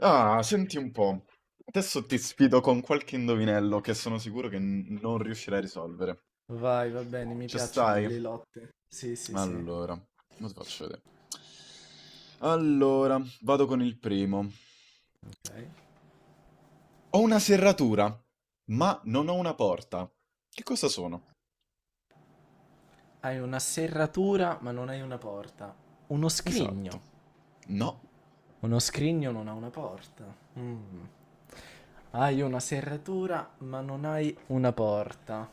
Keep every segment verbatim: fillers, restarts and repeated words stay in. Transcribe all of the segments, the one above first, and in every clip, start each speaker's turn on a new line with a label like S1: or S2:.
S1: Ah, senti un po'. Adesso ti sfido con qualche indovinello che sono sicuro che n- non riuscirai a risolvere.
S2: Vai, va bene, mi
S1: Ci
S2: piacciono
S1: stai?
S2: le lotte. Sì, sì, sì.
S1: Allora, lo ti faccio vedere. Allora, vado con il primo.
S2: Ok.
S1: Ho una serratura, ma non ho una porta. Che cosa sono?
S2: Hai una serratura, ma non hai una porta. Uno scrigno.
S1: Esatto. No.
S2: Uno scrigno non ha una porta. Mm. Hai una serratura, ma non hai una porta.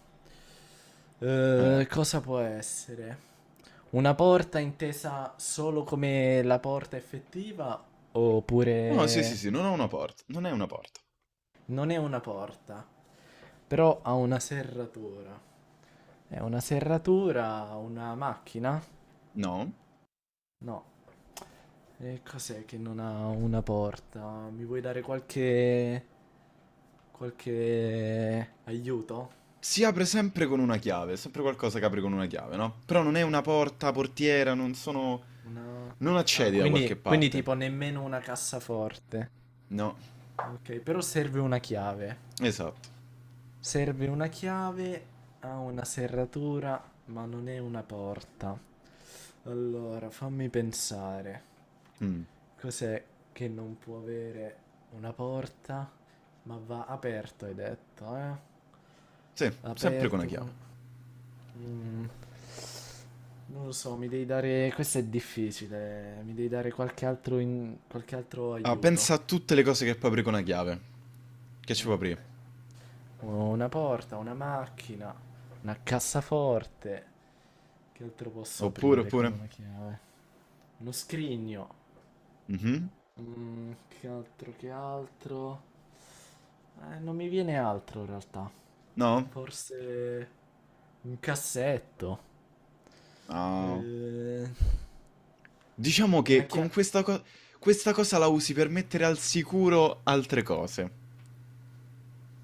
S1: Eh.
S2: Eh, cosa può essere? Una porta intesa solo come la porta effettiva,
S1: No, sì, sì,
S2: oppure
S1: sì, non ho una porta. Non è una porta.
S2: non è una porta, però ha una serratura. È una serratura, una macchina?
S1: No.
S2: No. E cos'è che non ha una porta? Mi vuoi dare qualche... qualche aiuto?
S1: Si apre sempre con una chiave, è sempre qualcosa che apre con una chiave, no? Però non è una porta, portiera, non sono...
S2: Una...
S1: Non
S2: Ah,
S1: accedi da qualche
S2: quindi, quindi
S1: parte.
S2: tipo nemmeno una cassaforte.
S1: No,
S2: Ok, però serve una chiave.
S1: esatto.
S2: Serve una chiave, ha una serratura, ma non è una porta. Allora, fammi pensare.
S1: Mm.
S2: Cos'è che non può avere una porta? Ma va aperto, hai detto, eh?
S1: Sì, sempre con una
S2: Aperto
S1: chiave.
S2: con... Mm. Non lo so, mi devi dare... Questo è difficile, mi devi dare qualche altro, in- qualche altro
S1: Ah,
S2: aiuto.
S1: pensa a tutte le cose che puoi aprire con una chiave. Che ci puoi
S2: Ok.
S1: aprire?
S2: Una porta, una macchina, una cassaforte. Che altro posso
S1: Oppure,
S2: aprire con
S1: oppure...
S2: una chiave? Uno scrigno.
S1: Mhm.
S2: Mm, che altro, che altro? Eh, non mi viene altro in realtà.
S1: No?
S2: Forse un cassetto.
S1: No.
S2: Eh,
S1: Diciamo
S2: una
S1: che con
S2: chiave.
S1: questa cosa... Questa cosa la usi per mettere al sicuro altre cose.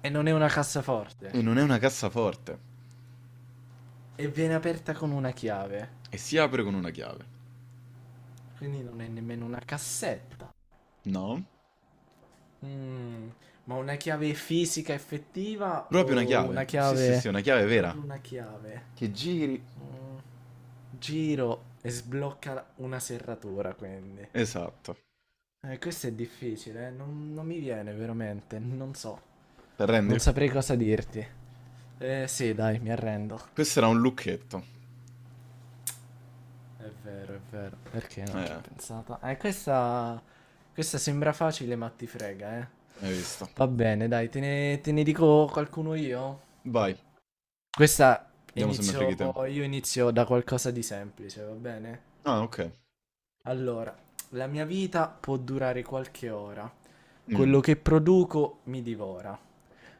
S2: E non è una cassaforte.
S1: E non è una cassaforte.
S2: E viene aperta con una chiave.
S1: E si apre con una chiave.
S2: Quindi non è nemmeno una cassetta.
S1: No?
S2: Mm, ma una chiave fisica effettiva
S1: Proprio una
S2: o una
S1: chiave. Sì, sì, sì,
S2: chiave...
S1: una chiave vera.
S2: Proprio una chiave.
S1: Che giri.
S2: Mm, giro e sblocca la- una serratura, quindi.
S1: Esatto.
S2: Eh, questo è difficile, eh, non, non mi viene veramente, non so.
S1: Te
S2: Non
S1: rendi?
S2: saprei cosa dirti. Eh sì, dai, mi arrendo.
S1: Questo era un lucchetto.
S2: È vero, è vero. Perché non ci ho
S1: Eh,
S2: pensato? Eh, questa... questa sembra facile, ma ti frega, eh.
S1: hai visto.
S2: Va bene, dai, te ne, te ne dico qualcuno io.
S1: Vai,
S2: Questa
S1: vediamo se mi freghi
S2: inizio...
S1: te.
S2: io inizio da qualcosa di semplice, va bene?
S1: Ah, ok.
S2: Allora, la mia vita può durare qualche ora.
S1: Mm.
S2: Quello che produco mi divora.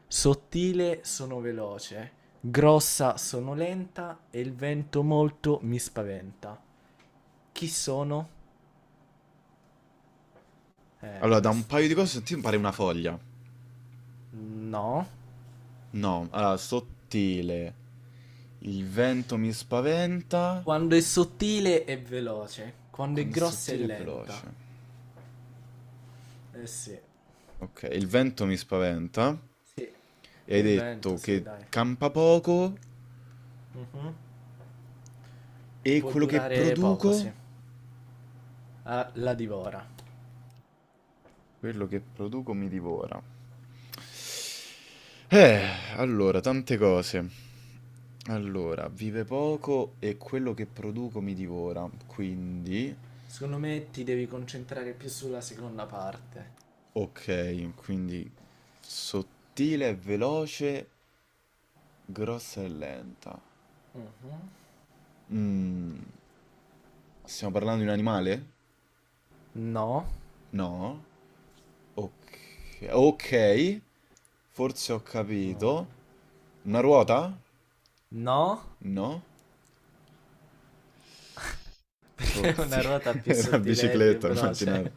S2: Sottile sono veloce, grossa sono lenta e il vento molto mi spaventa. Chi sono? Eh,
S1: Allora, da un
S2: questa...
S1: paio di cose ti pare una foglia.
S2: No.
S1: No, allora, sottile. Il vento mi spaventa.
S2: Quando è sottile è veloce, quando è
S1: Quando è
S2: grossa è
S1: sottile è
S2: lenta.
S1: veloce.
S2: Eh sì.
S1: Ok, il vento mi spaventa.
S2: Sì.
S1: E hai
S2: Il
S1: detto
S2: vento,
S1: che
S2: sì, dai.
S1: campa poco
S2: Mhm.
S1: e
S2: Può
S1: quello che
S2: durare poco,
S1: produco...
S2: sì. Ah, la divora.
S1: Quello che produco mi divora. Eh, allora, tante cose. Allora, vive poco e quello che produco mi divora. Quindi,
S2: Secondo me ti devi concentrare più sulla seconda parte.
S1: ok, quindi sottile e veloce, grossa e lenta.
S2: Mhm.
S1: Mm, stiamo parlando di un animale?
S2: No.
S1: No? Ok, ok, forse ho
S2: Mm.
S1: capito. Una ruota?
S2: No.
S1: No? Oh,
S2: Perché
S1: sì,
S2: una ruota più
S1: una
S2: sottile e più
S1: bicicletta, ho immaginato.
S2: veloce.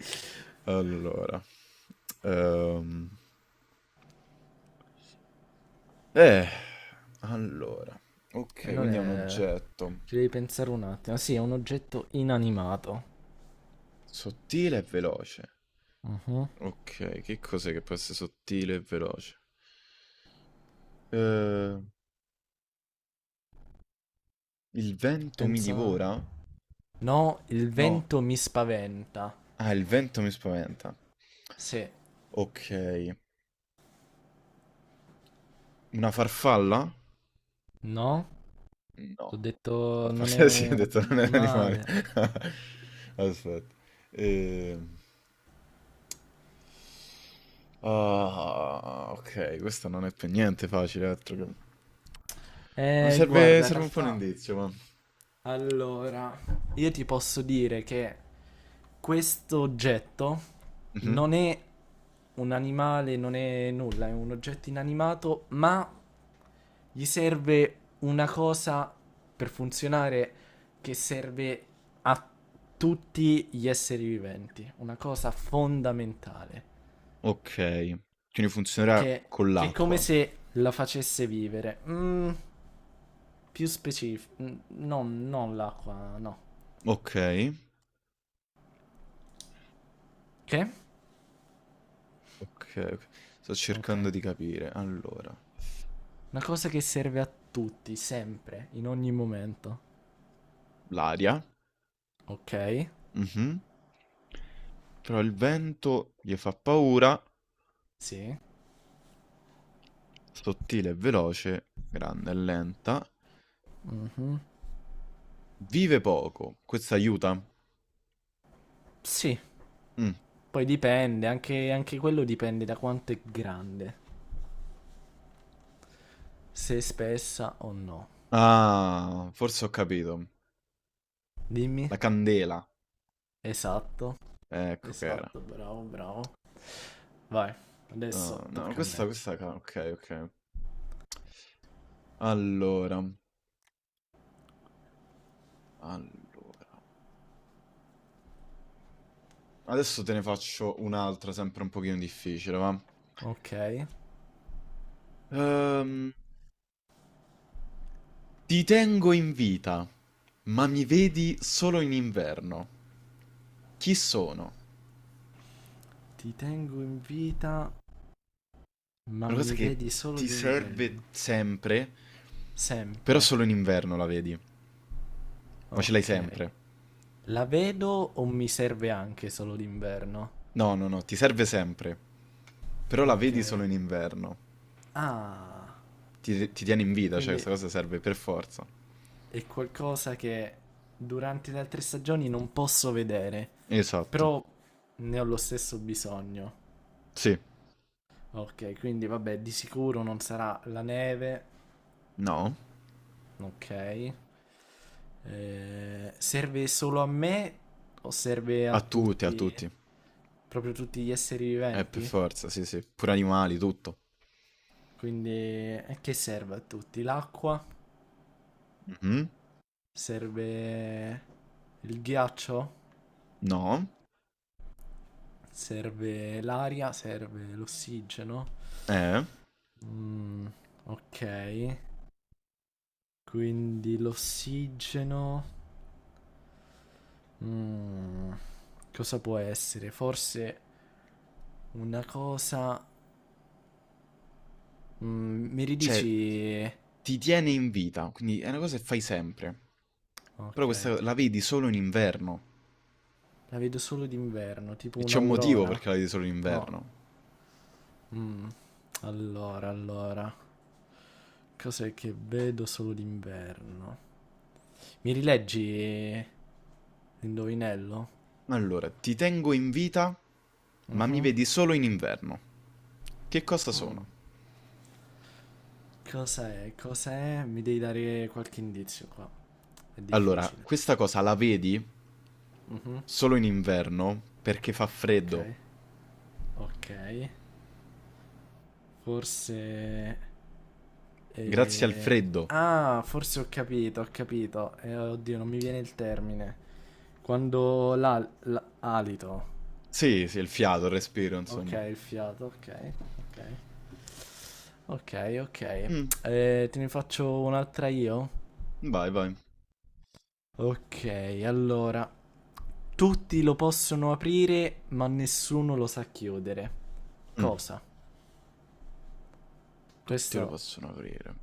S1: Allora, ehm, eh, allora,
S2: E
S1: ok,
S2: non
S1: quindi è un
S2: è...
S1: oggetto
S2: Ci devi pensare un attimo. Sì, è un oggetto inanimato.
S1: sottile e veloce.
S2: Mhm.
S1: Ok, che cos'è che può essere sottile e veloce? Eh, il vento mi
S2: Pensa...
S1: divora?
S2: No, il
S1: No,
S2: vento mi spaventa.
S1: ah, il vento mi spaventa.
S2: Sì.
S1: Ok, una farfalla?
S2: No? Ho
S1: No, a
S2: detto non
S1: parte
S2: è
S1: sì, ho
S2: un,
S1: detto
S2: un
S1: non è un animale.
S2: animale.
S1: Aspetta. Ehm, Ah, ok, questo non è per niente facile. altro che- Mi
S2: Eh,
S1: serve,
S2: guarda, in
S1: serve un po' un
S2: realtà
S1: indizio, ma...
S2: allora, io ti posso dire che questo oggetto non
S1: Mhm.
S2: è un animale, non è nulla, è un oggetto inanimato, ma gli serve una cosa per funzionare che serve a tutti gli esseri viventi, una cosa fondamentale,
S1: Ok, quindi funzionerà
S2: che,
S1: con
S2: che è come
S1: l'acqua.
S2: se la facesse vivere. Mm, più specifico, no, non l'acqua, no.
S1: Ok,
S2: Che?
S1: ok, ok. Sto
S2: Ok.
S1: cercando di capire. Allora,
S2: Una cosa che serve a tutti, sempre, in ogni momento.
S1: l'aria.
S2: Ok.
S1: Mhm. Però il vento gli fa paura.
S2: Sì.
S1: Sottile e veloce, grande e lenta.
S2: Mhm.
S1: Vive poco, questo aiuta.
S2: Sì.
S1: Mm.
S2: Poi dipende, anche, anche quello dipende da quanto è grande. Se è spessa o no.
S1: Ah, forse ho capito.
S2: Dimmi.
S1: La candela,
S2: Esatto.
S1: ecco che era.
S2: Esatto, bravo, bravo. Vai. Adesso
S1: Ah, no,
S2: tocca a me.
S1: questa, questa, ca- ok, ok. Allora, allora. Adesso te ne faccio un'altra, sempre un pochino difficile, va?
S2: Ok.
S1: Ehm, ti tengo in vita, ma mi vedi solo in inverno. Chi sono?
S2: Ti tengo in vita, ma
S1: È una cosa
S2: mi
S1: che
S2: vedi solo
S1: ti serve
S2: d'inverno.
S1: sempre. Però
S2: Sempre.
S1: solo in inverno la vedi. Ma ce l'hai
S2: Ok.
S1: sempre.
S2: La vedo o mi serve anche solo d'inverno?
S1: No, no, no, ti serve sempre. Però la
S2: Ok.
S1: vedi solo in inverno.
S2: Ah,
S1: Ti, ti tiene in vita, cioè
S2: quindi
S1: questa cosa serve per forza.
S2: è qualcosa che durante le altre stagioni non posso vedere,
S1: Esatto.
S2: però ne ho lo stesso bisogno.
S1: Sì.
S2: Ok, quindi vabbè, di sicuro non sarà la neve.
S1: No.
S2: Ok. Eh, serve solo a me o serve a
S1: A tutti, a
S2: tutti,
S1: tutti.
S2: proprio tutti gli esseri
S1: Eh, per
S2: viventi?
S1: forza, sì, sì. Pure animali, tutto.
S2: Quindi eh, che serve a tutti? L'acqua?
S1: Mhm.
S2: Serve il ghiaccio?
S1: No.
S2: Serve l'aria, serve l'ossigeno.
S1: Eh.
S2: Mm, ok. Quindi l'ossigeno. Mm, cosa può essere? Forse una cosa. Mm, mi
S1: Cioè,
S2: ridici.
S1: ti tiene in vita. Quindi è una cosa che fai sempre. Però
S2: Ok.
S1: questa la vedi solo in inverno.
S2: La vedo solo d'inverno, tipo
S1: E c'è un motivo
S2: un'aurora?
S1: perché la vedi solo in
S2: No.
S1: inverno.
S2: Mm, allora, allora. Cos'è che vedo solo d'inverno? Mi rileggi l'indovinello?
S1: Allora, ti tengo in vita, ma mi
S2: Mhm.
S1: vedi solo in inverno. Che cosa sono?
S2: Mm. Cos'è? Cos'è? Mi devi dare qualche indizio qua. È
S1: Allora,
S2: difficile.
S1: questa cosa la vedi
S2: Mhm.
S1: solo in inverno perché fa
S2: Ok.
S1: freddo.
S2: Ok. Forse...
S1: Grazie al
S2: eh,
S1: freddo.
S2: ah, forse ho capito, ho capito. Eh, oddio, non mi viene il termine. Quando l'al- l'alito.
S1: Sì, sì, il fiato, il respiro,
S2: Ok,
S1: insomma.
S2: il fiato, ok. Ok. Ok, ok.
S1: Mm,
S2: Eh, te ne faccio un'altra io?
S1: vai, vai.
S2: Ok, allora. Tutti lo possono aprire, ma nessuno lo sa chiudere.
S1: Mm,
S2: Cosa?
S1: tutti lo
S2: Questo,
S1: possono aprire.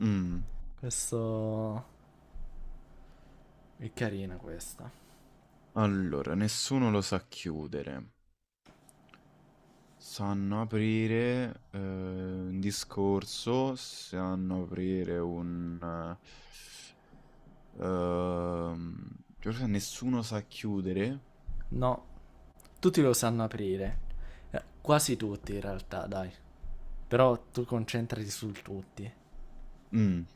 S1: Mm,
S2: questo è carina questa.
S1: allora, nessuno lo sa chiudere. Sanno aprire eh, un discorso, sanno aprire un... eh, Ehm, Giorgia, nessuno sa chiudere.
S2: No, tutti lo sanno aprire. Eh, quasi tutti in realtà, dai. Però tu concentrati sul tutti.
S1: Mm,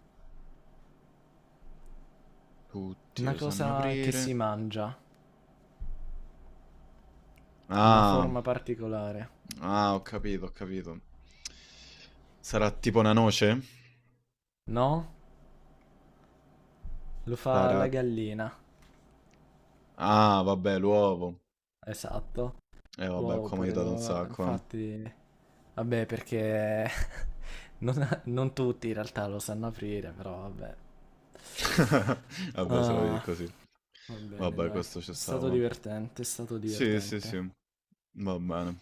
S1: tutti
S2: Una
S1: lo sanno
S2: cosa che si
S1: aprire.
S2: mangia, una
S1: Ah,
S2: forma particolare.
S1: ah, ho capito, ho capito. Sarà tipo una noce?
S2: No? Lo fa
S1: Sarà...
S2: la gallina.
S1: Ah, vabbè, l'uovo.
S2: Esatto.
S1: Eh, vabbè,
S2: Wow,
S1: qua mi ha
S2: pure
S1: aiutato un
S2: lo...
S1: sacco, eh.
S2: Infatti... Vabbè, perché Non, non tutti in realtà lo sanno aprire, però vabbè.
S1: Vabbè, se la vedi
S2: Ah,
S1: così.
S2: va bene,
S1: Vabbè,
S2: dai.
S1: questo ci
S2: È stato
S1: stava.
S2: divertente, è stato
S1: Sì, sì, sì.
S2: divertente.
S1: Va bene.